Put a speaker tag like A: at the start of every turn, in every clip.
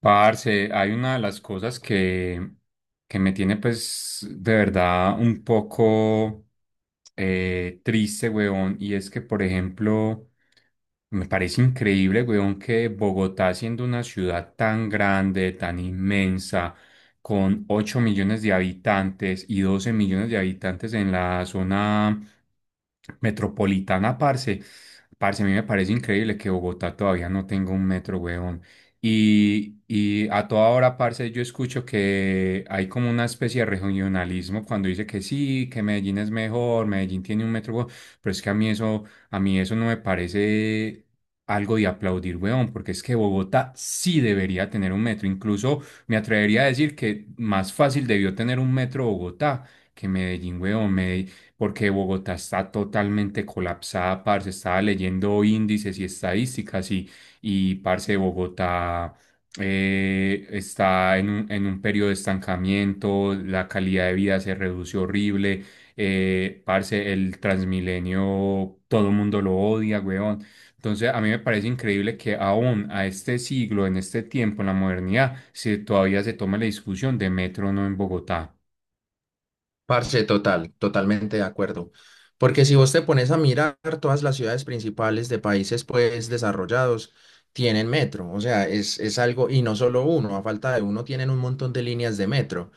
A: Parce, hay una de las cosas que me tiene pues de verdad un poco triste, weón, y es que, por ejemplo, me parece increíble, weón, que Bogotá, siendo una ciudad tan grande, tan inmensa, con 8 millones de habitantes y 12 millones de habitantes en la zona metropolitana, parce, a mí me parece increíble que Bogotá todavía no tenga un metro, weón. Y a toda hora, parce, yo escucho que hay como una especie de regionalismo cuando dice que sí, que Medellín es mejor, Medellín tiene un metro, pero es que a mí a mí eso no me parece algo de aplaudir, weón, porque es que Bogotá sí debería tener un metro. Incluso me atrevería a decir que más fácil debió tener un metro Bogotá que Medellín, weón, Medellín, porque Bogotá está totalmente colapsada, parce, estaba leyendo índices y estadísticas y parce, Bogotá está en un periodo de estancamiento, la calidad de vida se reduce horrible, parce, el Transmilenio, todo el mundo lo odia, weón. Entonces, a mí me parece increíble que aún a este siglo, en este tiempo, en la modernidad, todavía se tome la discusión de metro o no en Bogotá.
B: Parce, totalmente de acuerdo. Porque si vos te pones a mirar, todas las ciudades principales de países pues desarrollados tienen metro. O sea, es algo, y no solo uno, a falta de uno tienen un montón de líneas de metro.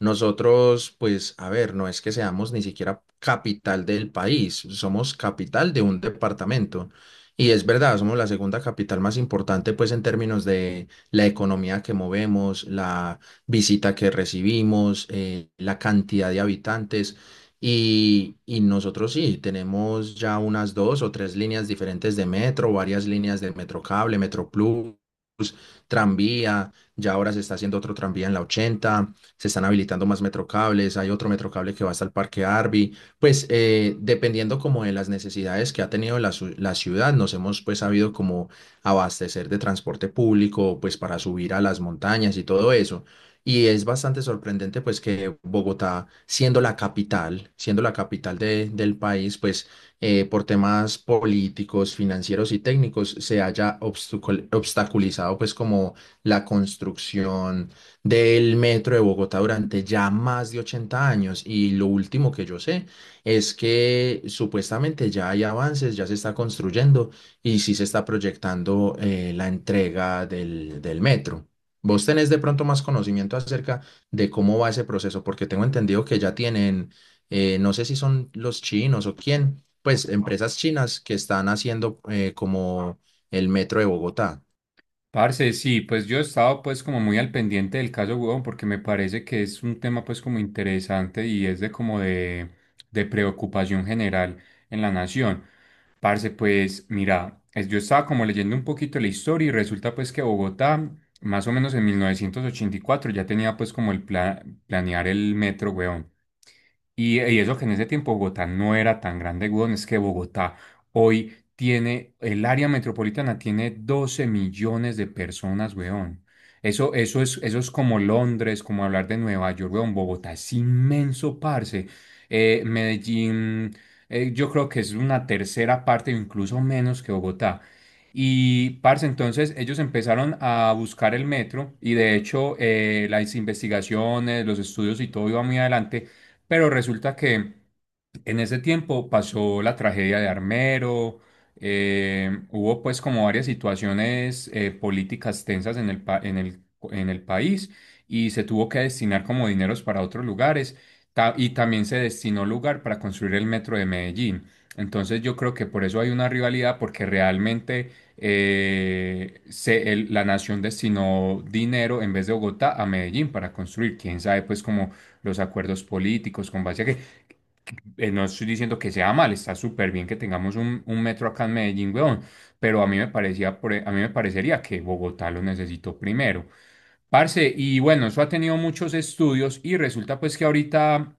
B: Nosotros, pues, a ver, no es que seamos ni siquiera capital del país, somos capital de un departamento. Y es verdad, somos la segunda capital más importante pues en términos de la economía que movemos, la visita que recibimos, la cantidad de habitantes. Y nosotros sí, tenemos ya unas dos o tres líneas diferentes de metro, varias líneas de metro cable, metro plus, tranvía, ya ahora se está haciendo otro tranvía en la 80, se están habilitando más metrocables, hay otro metrocable que va hasta el Parque Arby, pues dependiendo como de las necesidades que ha tenido la ciudad, nos hemos pues sabido como abastecer de transporte público, pues para subir a las montañas y todo eso. Y es bastante sorprendente pues que Bogotá, siendo la capital del país, pues por temas políticos, financieros y técnicos se haya obstaculizado pues como la construcción del metro de Bogotá durante ya más de 80 años. Y lo último que yo sé es que supuestamente ya hay avances, ya se está construyendo y sí se está proyectando la entrega del metro. Vos tenés de pronto más conocimiento acerca de cómo va ese proceso, porque tengo entendido que ya tienen, no sé si son los chinos o quién, pues empresas chinas que están haciendo como el metro de Bogotá.
A: Parce, sí, pues yo he estado pues como muy al pendiente del caso, huevón, porque me parece que es un tema pues como interesante y es de como de preocupación general en la nación. Parce, pues mira, yo estaba como leyendo un poquito la historia y resulta pues que Bogotá, más o menos en 1984 ya tenía pues como el planear el metro, huevón. Y eso que en ese tiempo Bogotá no era tan grande, weón, es que Bogotá hoy tiene, el área metropolitana tiene 12 millones de personas, weón. Eso es como Londres, como hablar de Nueva York, weón. Bogotá es inmenso, parce. Medellín, yo creo que es una tercera parte, o incluso menos que Bogotá. Y, parce, entonces ellos empezaron a buscar el metro y de hecho las investigaciones, los estudios y todo iba muy adelante, pero resulta que en ese tiempo pasó la tragedia de Armero, hubo pues como varias situaciones políticas tensas en el, pa- en el país y se tuvo que destinar como dineros para otros lugares y también se destinó lugar para construir el metro de Medellín. Entonces yo creo que por eso hay una rivalidad porque realmente la nación destinó dinero en vez de Bogotá a Medellín para construir, quién sabe pues como los acuerdos políticos con base a que no estoy diciendo que sea mal, está súper bien que tengamos un metro acá en Medellín, weón, pero a mí me parecía, a mí me parecería que Bogotá lo necesitó primero. Parce, y bueno, eso ha tenido muchos estudios y resulta pues que ahorita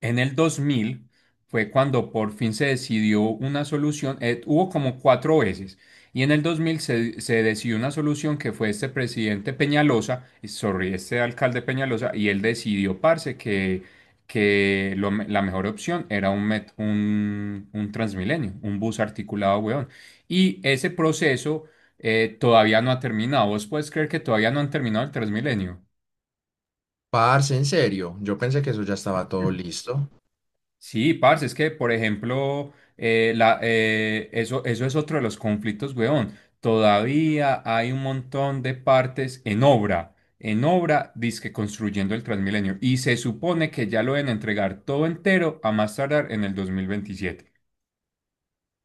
A: en el 2000 fue cuando por fin se decidió una solución, hubo como cuatro veces, y en el 2000 se decidió una solución que fue este presidente Peñalosa, sorry, este alcalde Peñalosa, y él decidió, parce, que la mejor opción era un Transmilenio, un bus articulado, weón. Y ese proceso todavía no ha terminado. ¿Vos puedes creer que todavía no han terminado el Transmilenio?
B: Parce, en serio, yo pensé que eso ya estaba todo listo.
A: Sí, parce, es que, por ejemplo, eso es otro de los conflictos, weón. Todavía hay un montón de partes en obra, dizque construyendo el Transmilenio. Y se supone que ya lo deben entregar todo entero a más tardar en el 2027.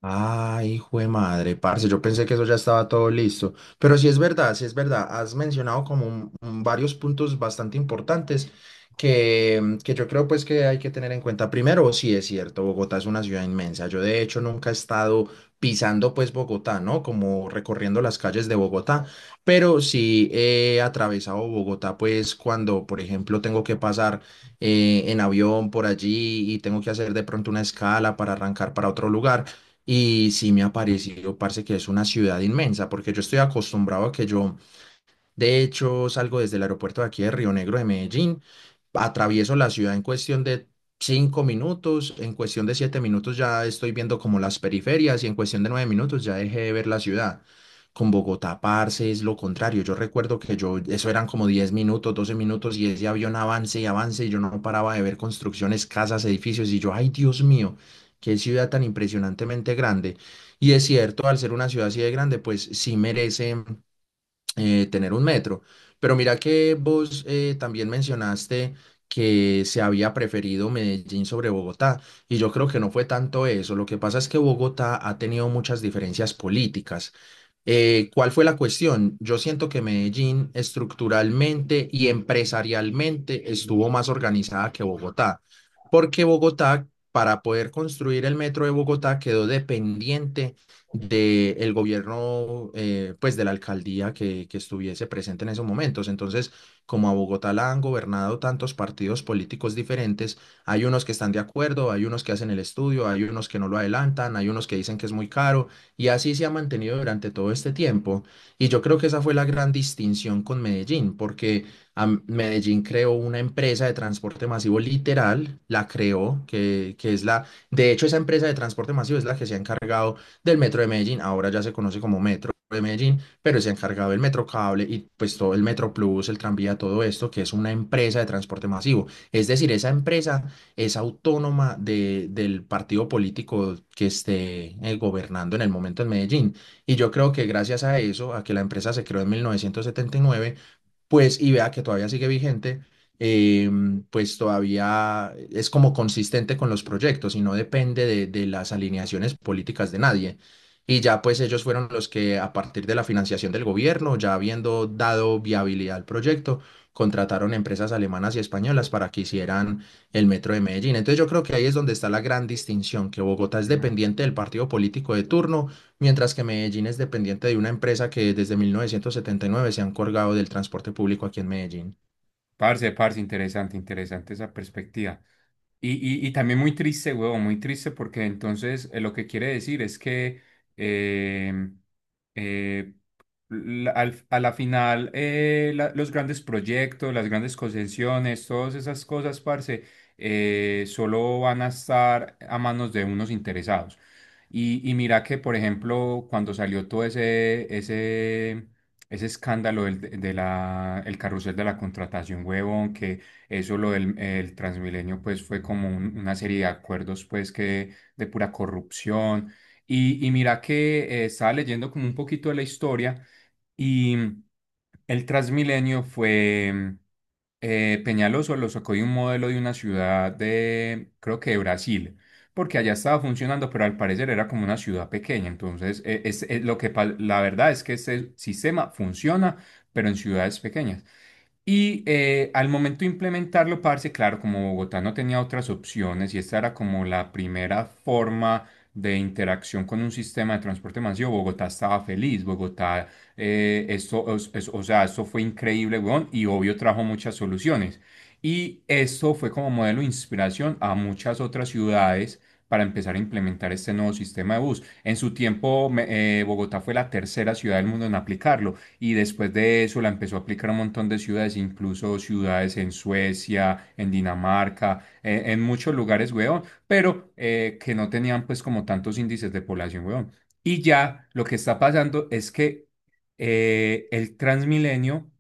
B: Ay, hijo de madre, parce, yo pensé que eso ya estaba todo listo. Pero sí es verdad, has mencionado como un varios puntos bastante importantes que yo creo pues que hay que tener en cuenta. Primero, sí es cierto, Bogotá es una ciudad inmensa. Yo de hecho nunca he estado pisando pues Bogotá, ¿no? Como recorriendo las calles de Bogotá, pero sí he atravesado Bogotá pues cuando, por ejemplo, tengo que pasar en avión por allí y tengo que hacer de pronto una escala para arrancar para otro lugar. Y sí me ha parecido, parce, que es una ciudad inmensa, porque yo estoy acostumbrado a que yo de hecho, salgo desde el aeropuerto de aquí de Río Negro de Medellín, atravieso la ciudad en cuestión de 5 minutos, en cuestión de 7 minutos ya estoy viendo como las periferias y en cuestión de 9 minutos ya dejé de ver la ciudad. Con Bogotá, parce, es lo contrario. Yo recuerdo que yo, eso eran como 10 minutos, 12 minutos y ese avión avance y avance y yo no paraba de ver construcciones, casas, edificios y yo, ay Dios mío, qué ciudad tan impresionantemente grande. Y es cierto, al ser una ciudad así de grande, pues sí merece tener un metro. Pero mira que vos también mencionaste que se había preferido Medellín sobre Bogotá, y yo creo que no fue tanto eso. Lo que pasa es que Bogotá ha tenido muchas diferencias políticas. ¿Cuál fue la cuestión? Yo siento que Medellín estructuralmente y empresarialmente estuvo más organizada que Bogotá, porque Bogotá, para poder construir el metro de Bogotá, quedó dependiente del gobierno, pues de la alcaldía que estuviese presente en esos momentos. Entonces, como a Bogotá la han gobernado tantos partidos políticos diferentes, hay unos que están de acuerdo, hay unos que hacen el estudio, hay unos que no lo adelantan, hay unos que dicen que es muy caro y así se ha mantenido durante todo este tiempo. Y yo creo que esa fue la gran distinción con Medellín, porque Medellín creó una empresa de transporte masivo literal, la creó, que es la, de hecho esa empresa de transporte masivo es la que se ha encargado del Metro de Medellín, ahora ya se conoce como Metro de Medellín, pero se ha encargado del Metro Cable y pues todo el Metro Plus, el tranvía, todo esto, que es una empresa de transporte masivo. Es decir, esa empresa es autónoma del partido político que esté gobernando en el momento en Medellín. Y yo creo que gracias a eso, a que la empresa se creó en 1979, pues y vea que todavía sigue vigente, pues todavía es como consistente con los proyectos y no depende de las alineaciones políticas de nadie. Y ya pues ellos fueron los que a partir de la financiación del gobierno, ya habiendo dado viabilidad al proyecto, contrataron empresas alemanas y españolas para que hicieran el metro de Medellín. Entonces yo creo que ahí es donde está la gran distinción, que Bogotá es
A: Ujú.
B: dependiente del partido político de turno mientras que Medellín es dependiente de una empresa que desde 1979 se ha encargado del transporte público aquí en Medellín.
A: Parce, interesante esa perspectiva. Y, y también muy triste, huevón, muy triste porque entonces lo que quiere decir es que eh, eh, la- al- a la final los grandes proyectos, las grandes concesiones, todas esas cosas, parce, solo van a estar a manos de unos interesados. Y mira que, por ejemplo, cuando salió todo ese escándalo el carrusel de la contratación, huevón, que eso lo del el Transmilenio pues fue como una serie de acuerdos pues que de pura corrupción. Y mira que estaba leyendo como un poquito de la historia y mm, el Transmilenio fue Peñaloso lo sacó de un modelo de una ciudad de, creo que de Brasil, porque allá estaba funcionando, pero al parecer era como una ciudad pequeña. Entonces, es lo que la verdad es que este sistema funciona, pero en ciudades pequeñas. Y al momento de implementarlo, parce, claro, como Bogotá no tenía otras opciones y esta era como la primera forma de interacción con un sistema de transporte masivo, Bogotá estaba feliz, Bogotá, o sea, esto fue increíble, weón, y obvio trajo muchas soluciones. Y esto fue como modelo de inspiración a muchas otras ciudades para empezar a implementar este nuevo sistema de bus. En su tiempo, Bogotá fue la tercera ciudad del mundo en aplicarlo y después de eso la empezó a aplicar a un montón de ciudades, incluso ciudades en Suecia, en Dinamarca, en muchos lugares, weón, pero que no tenían pues como tantos índices de población, weón. Y ya lo que está pasando es que el Transmilenio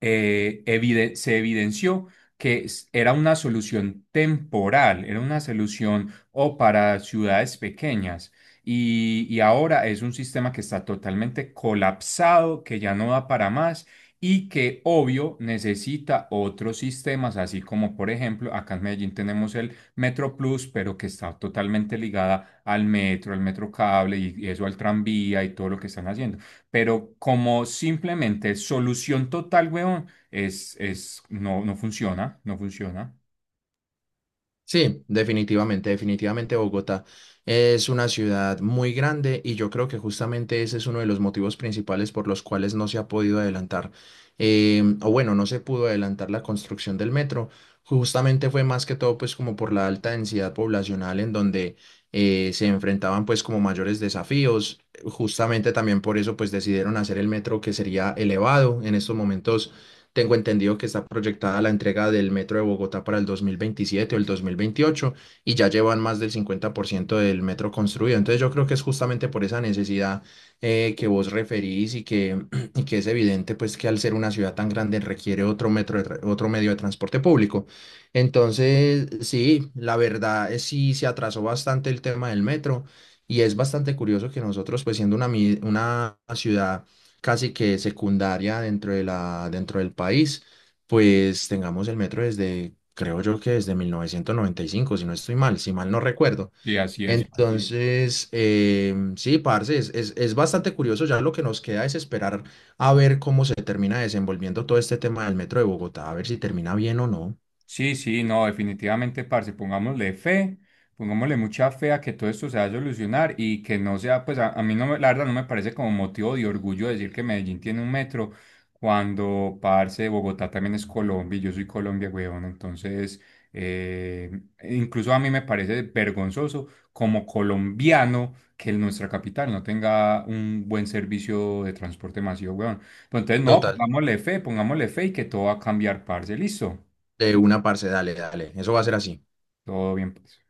A: se evidenció que era una solución temporal, era una solución o para ciudades pequeñas y ahora es un sistema que está totalmente colapsado, que ya no da para más y que obvio necesita otros sistemas, así como por ejemplo acá en Medellín tenemos el Metro Plus, pero que está totalmente ligada al metro cable y eso al tranvía y todo lo que están haciendo. Pero como simplemente solución total, weón, no, no funciona, no funciona.
B: Sí, definitivamente, definitivamente Bogotá es una ciudad muy grande y yo creo que justamente ese es uno de los motivos principales por los cuales no se ha podido adelantar, o bueno, no se pudo adelantar la construcción del metro. Justamente fue más que todo pues como por la alta densidad poblacional en donde se enfrentaban pues como mayores desafíos. Justamente también por eso pues decidieron hacer el metro que sería elevado. En estos momentos tengo entendido que está proyectada la entrega del metro de Bogotá para el 2027 o el 2028 y ya llevan más del 50% del metro construido. Entonces yo creo que es justamente por esa necesidad que vos referís y que, y que es evidente pues que al ser una ciudad tan grande requiere otro metro otro medio de transporte público. Entonces, sí, la verdad es sí se atrasó bastante el tema del metro y es bastante curioso que nosotros pues siendo una, una ciudad casi que secundaria dentro de la, dentro del país, pues tengamos el metro desde, creo yo que desde 1995 si no estoy mal, si mal no recuerdo. Sí.
A: Sí, así es, parce.
B: Entonces, sí, parce, es bastante curioso, ya lo que nos queda es esperar a ver cómo se termina desenvolviendo todo este tema del metro de Bogotá, a ver si termina bien o no.
A: Sí, no, definitivamente, parce, pongámosle fe, pongámosle mucha fe a que todo esto se va a solucionar y que no sea, pues a mí no me, la verdad no me parece como motivo de orgullo decir que Medellín tiene un metro cuando, parce, Bogotá también es Colombia y yo soy Colombia, weón, entonces, eh, incluso a mí me parece vergonzoso como colombiano que nuestra capital no tenga un buen servicio de transporte masivo, weón. Pues entonces, no,
B: Total.
A: pongámosle fe y que todo va a cambiar, parce, listo.
B: De una, parce, dale, dale, eso va a ser así.
A: Todo bien, pues.